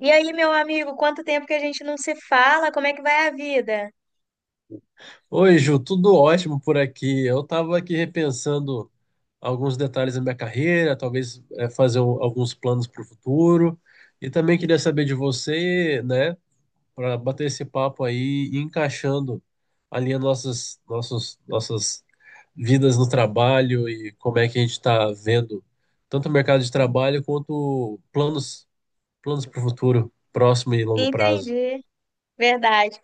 E aí, meu amigo, quanto tempo que a gente não se fala? Como é que vai a vida? Oi, Ju, tudo ótimo por aqui. Eu estava aqui repensando alguns detalhes da minha carreira, talvez fazer alguns planos para o futuro. E também queria saber de você, né, para bater esse papo aí e encaixando ali as nossas vidas no trabalho e como é que a gente está vendo tanto o mercado de trabalho quanto planos para o futuro, próximo e longo prazo. Entendi, verdade.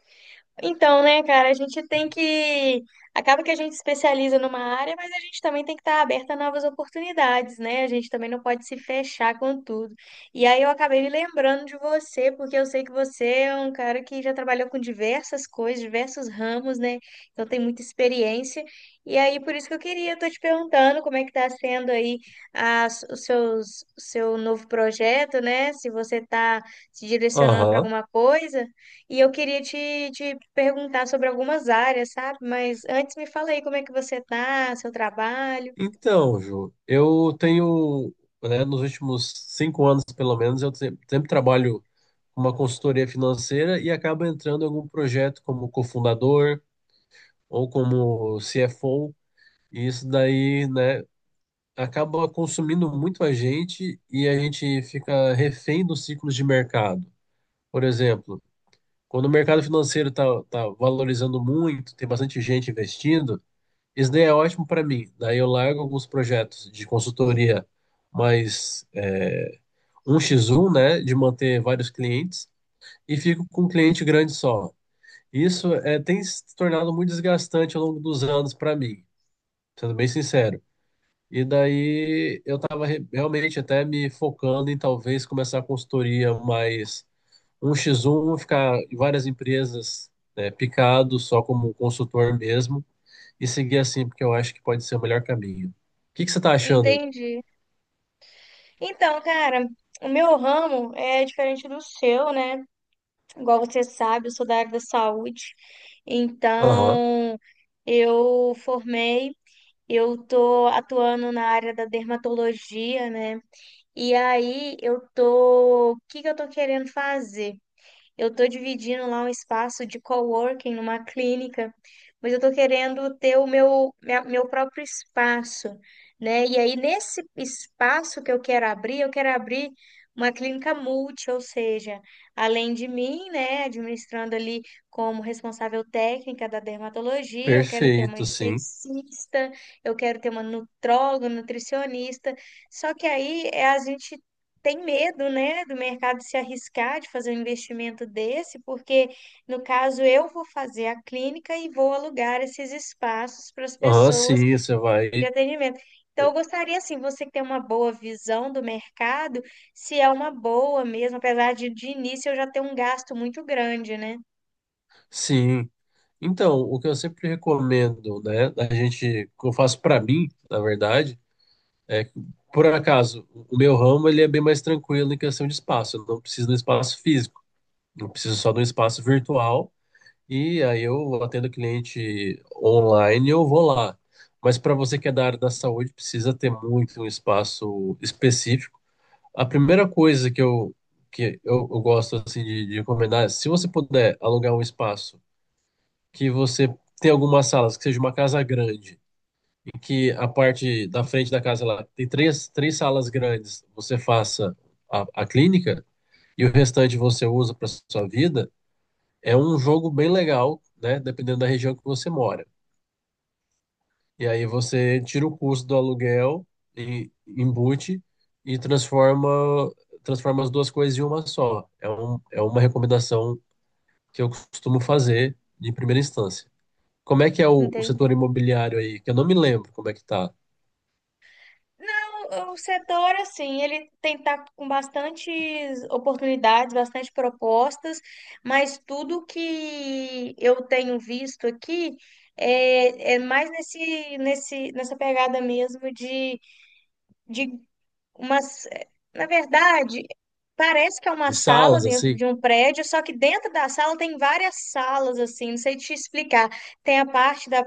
Então, né, cara, a gente tem que. Acaba que a gente especializa numa área, mas a gente também tem que estar aberta a novas oportunidades, né? A gente também não pode se fechar com tudo. E aí eu acabei me lembrando de você, porque eu sei que você é um cara que já trabalhou com diversas coisas, diversos ramos, né? Então tem muita experiência. E aí, por isso que eu queria, eu tô te perguntando como é que tá sendo aí as, os seus, o seu novo projeto, né? Se você tá se direcionando para Aham. alguma coisa. E eu queria te, te perguntar sobre algumas áreas, sabe? Mas antes me fala aí como é que você tá, seu trabalho. Então, Ju, eu tenho, né, nos últimos 5 anos, pelo menos, eu sempre trabalho com uma consultoria financeira e acabo entrando em algum projeto como cofundador ou como CFO, e isso daí, né, acaba consumindo muito a gente e a gente fica refém dos ciclos de mercado. Por exemplo, quando o mercado financeiro está valorizando muito, tem bastante gente investindo, isso daí é ótimo para mim. Daí eu largo alguns projetos de consultoria mais 1 x um, né, de manter vários clientes e fico com um cliente grande só. Tem se tornado muito desgastante ao longo dos anos para mim, sendo bem sincero. E daí eu estava realmente até me focando em talvez começar a consultoria mais um x um, ficar em várias empresas, né, picado só como consultor mesmo e seguir assim, porque eu acho que pode ser o melhor caminho. O que que você tá achando? Entendi. Então, cara, o meu ramo é diferente do seu, né? Igual você sabe, eu sou da área da saúde. Aham, Então, eu formei, eu tô atuando na área da dermatologia, né? E aí eu tô, o que que eu tô querendo fazer? Eu estou dividindo lá um espaço de coworking numa clínica, mas eu estou querendo ter o meu, minha- meu próprio espaço, né? E aí, nesse espaço que eu quero abrir uma clínica multi, ou seja, além de mim, né, administrando ali como responsável técnica da dermatologia, eu quero ter uma perfeito, sim. esteticista, eu quero ter uma nutróloga, nutricionista. Só que aí é a gente tem medo, né, do mercado se arriscar de fazer um investimento desse, porque no caso eu vou fazer a clínica e vou alugar esses espaços para as Aham, pessoas sim, você vai. de atendimento. Então, eu gostaria, assim, você que tem uma boa visão do mercado, se é uma boa mesmo, apesar de início eu já ter um gasto muito grande, né? Sim. Então, o que eu sempre recomendo, né, a gente, que eu faço pra mim, na verdade, é que, por acaso, o meu ramo ele é bem mais tranquilo em questão de espaço. Eu não preciso de um espaço físico, eu preciso só de um espaço virtual. E aí eu atendo cliente online e eu vou lá. Mas para você que é da área da saúde, precisa ter muito um espaço específico. A primeira coisa que eu gosto assim, de recomendar é, se você puder alugar um espaço que você tem algumas salas, que seja uma casa grande, e que a parte da frente da casa lá tem três salas grandes, você faça a clínica e o restante você usa para sua vida, é um jogo bem legal, né? Dependendo da região que você mora. E aí você tira o custo do aluguel e embute e transforma as duas coisas em uma só. É uma recomendação que eu costumo fazer de primeira instância. Como é que é o setor Entendi. imobiliário aí? Que eu não me lembro como é que tá. Não, o setor, assim, ele tem tá com bastantes oportunidades, bastante propostas, mas tudo que eu tenho visto aqui é, é mais nesse, nesse, nessa pegada mesmo de umas. Na verdade, parece que é uma De sala salas, dentro assim? de um prédio, só que dentro da sala tem várias salas, assim, não sei te explicar. Tem a parte da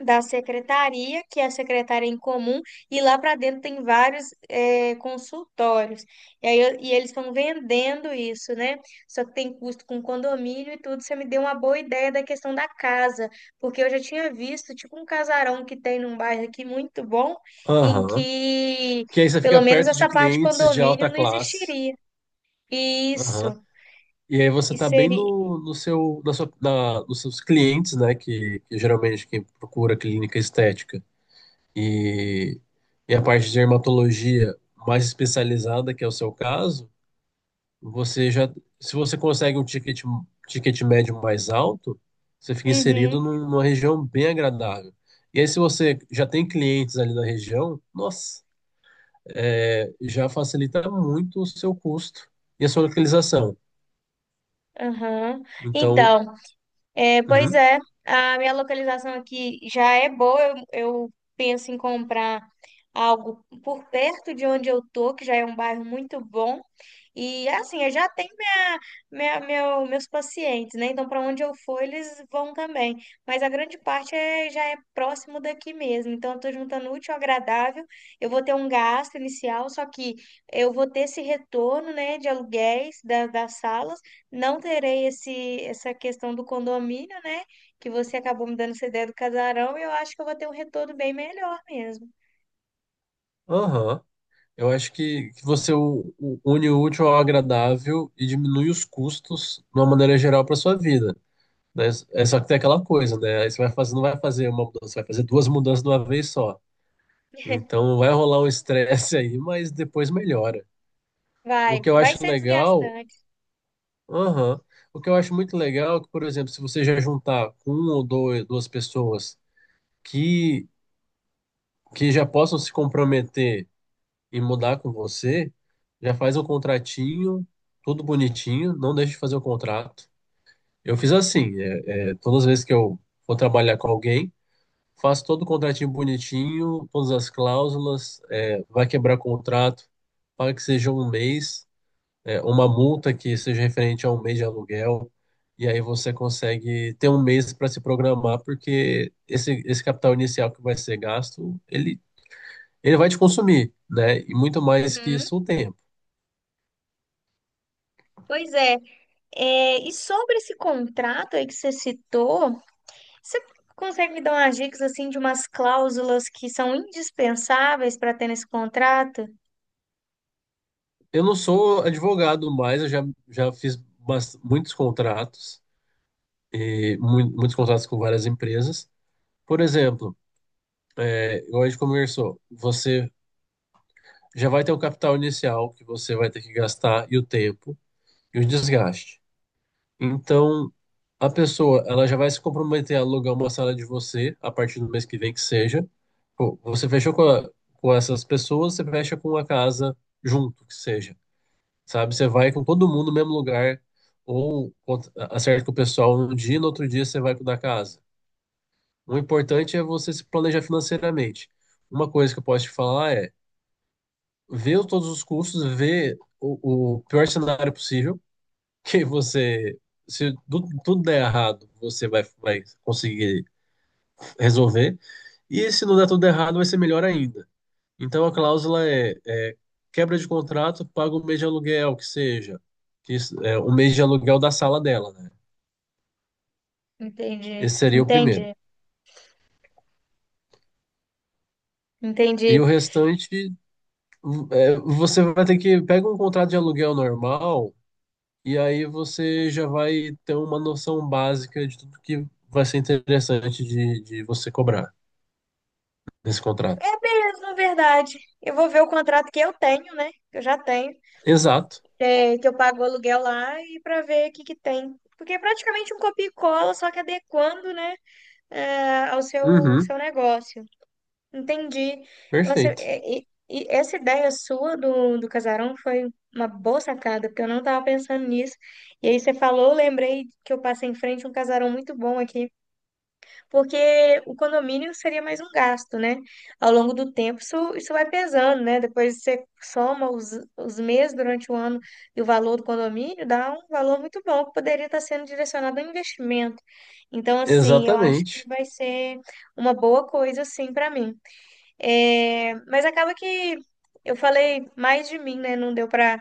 da secretaria, que é a secretária em comum, e lá para dentro tem vários consultórios. E aí, eu- e eles estão vendendo isso, né? Só que tem custo com condomínio e tudo. Você me deu uma boa ideia da questão da casa, porque eu já tinha visto, tipo, um casarão que tem num bairro aqui muito bom, em Aham. que Que aí você pelo fica menos perto de essa parte de clientes de condomínio alta não classe. existiria. Isso. Aham. E aí você E tá bem seria. no, no seu, na sua, na, nos seus clientes, né? Que geralmente quem procura clínica estética e, e a parte de dermatologia mais especializada, que é o seu caso, você já, se você consegue um ticket médio mais alto, você fica inserido Uhum, numa região bem agradável. E aí, se você já tem clientes ali na região, nossa, já facilita muito o seu custo e a sua localização. aham. Então, Então. É, pois uhum, é, a minha localização aqui já é boa. Eu penso em comprar algo por perto de onde eu tô, que já é um bairro muito bom. E assim, eu já tenho minha, minha, meu, meus pacientes, né? Então, para onde eu for, eles vão também. Mas a grande parte é, já é próximo daqui mesmo. Então, eu estou juntando útil ao agradável. Eu vou ter um gasto inicial, só que eu vou ter esse retorno, né, de aluguéis da, das salas. Não terei esse, essa questão do condomínio, né? Que você acabou me dando essa ideia do casarão. E eu acho que eu vou ter um retorno bem melhor mesmo. aham. Eu acho que você une o útil ao agradável e diminui os custos de uma maneira geral para sua vida, né? É só que tem aquela coisa, né? Aí você vai fazer, não vai fazer uma mudança, vai fazer duas mudanças de uma vez só. Então vai rolar um estresse aí, mas depois melhora. O Vai, que eu vai acho ser legal, desgastante. aham. O que eu acho muito legal é que, por exemplo, se você já juntar com um ou dois, duas pessoas que, que já possam se comprometer e mudar com você, já faz um contratinho, tudo bonitinho, não deixe de fazer o contrato. Eu fiz assim, todas as vezes que eu vou trabalhar com alguém, faz todo o contratinho bonitinho, todas as cláusulas, vai quebrar contrato, paga que seja um mês, é uma multa que seja referente a um mês de aluguel, e aí você consegue ter um mês para se programar, porque esse capital inicial que vai ser gasto, ele vai te consumir, né? E muito mais que Uhum. isso, o tempo. Pois é. É, e sobre esse contrato aí que você citou, você consegue me dar umas dicas assim de umas cláusulas que são indispensáveis para ter nesse contrato? Eu não sou advogado mais, eu já fiz muitos contratos, e muitos contratos com várias empresas. Por exemplo, igual a gente conversou, você já vai ter o capital inicial que você vai ter que gastar e o tempo e o desgaste. Então, a pessoa, ela já vai se comprometer a alugar uma sala de você a partir do mês que vem que seja. Pô, você fechou com essas pessoas, você fecha com a casa junto que seja, sabe? Você vai com todo mundo no mesmo lugar ou acerta com o pessoal um dia e no outro dia você vai com o da casa. O importante é você se planejar financeiramente. Uma coisa que eu posso te falar é ver todos os cursos, ver o pior cenário possível, que você, se tudo der errado, você vai, vai conseguir resolver, e se não der tudo errado, vai ser melhor ainda. Então a cláusula é, quebra de contrato, paga um mês de aluguel, que seja, que um mês de aluguel da sala dela, né? Entendi, Esse seria o primeiro. entendi, E entendi. o restante, você vai ter que pega um contrato de aluguel normal. E aí você já vai ter uma noção básica de tudo que vai ser interessante de você cobrar nesse contrato. Mas, na verdade, eu vou ver o contrato que eu tenho, né? Que eu já tenho, Exato. é, que eu pago o aluguel lá e para ver o que que tem. Porque é praticamente um copia e cola, só que adequando, né, é, ao seu, Uhum. seu negócio. Entendi. Nossa, Perfeito. E essa ideia sua do, do casarão foi uma boa sacada, porque eu não estava pensando nisso. E aí você falou, eu lembrei que eu passei em frente a um casarão muito bom aqui, porque o condomínio seria mais um gasto, né? Ao longo do tempo isso, isso vai pesando, né? Depois você soma os meses durante o ano e o valor do condomínio, dá um valor muito bom que poderia estar sendo direcionado ao investimento. Então, assim, eu acho que Exatamente. vai ser uma boa coisa, assim, para mim. É, mas acaba que eu falei mais de mim, né? Não deu pra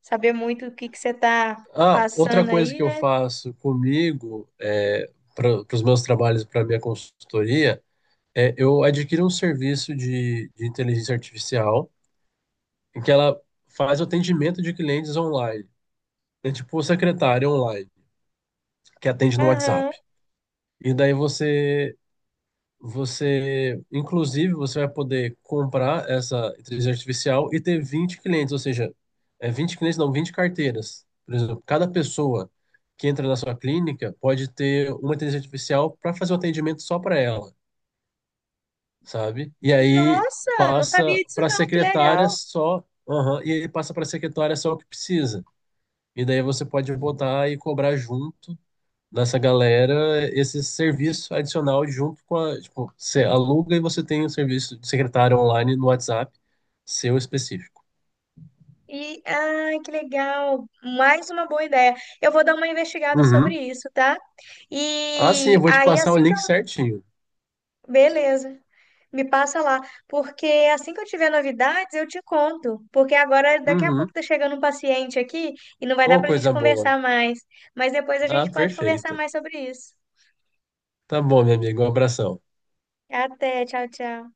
saber muito o que que você tá Ah, outra passando coisa aí, que eu né? faço comigo é, para os meus trabalhos, para minha consultoria, eu adquiro um serviço de inteligência artificial em que ela faz o atendimento de clientes online. É tipo secretária online, que atende no Aham. WhatsApp. E daí você Você, inclusive, você vai poder comprar essa inteligência artificial e ter 20 clientes, ou seja, 20 clientes, não, 20 carteiras. Por exemplo, cada pessoa que entra na sua clínica pode ter uma inteligência artificial para fazer o atendimento só para ela, sabe? E aí Nossa, não passa sabia disso para a não, que secretária legal. só, aham, e aí passa para a secretária só o que precisa. E daí você pode botar e cobrar junto dessa galera esse serviço adicional junto com a, tipo, você aluga e você tem um serviço de secretário online no WhatsApp, seu específico. E, ai, que legal. Mais uma boa ideia. Eu vou dar uma investigada sobre Uhum. isso, tá? Ah, sim, E eu vou te aí, passar o assim que eu... link certinho. Beleza. Me passa lá, porque assim que eu tiver novidades, eu te conto. Porque agora, daqui a pouco, Uhum. tá chegando um paciente aqui e não vai dar Oh, pra gente coisa boa. conversar mais. Mas depois a Ah, gente pode conversar perfeito. mais sobre isso. Tá bom, meu amigo, um abração. Até, tchau, tchau.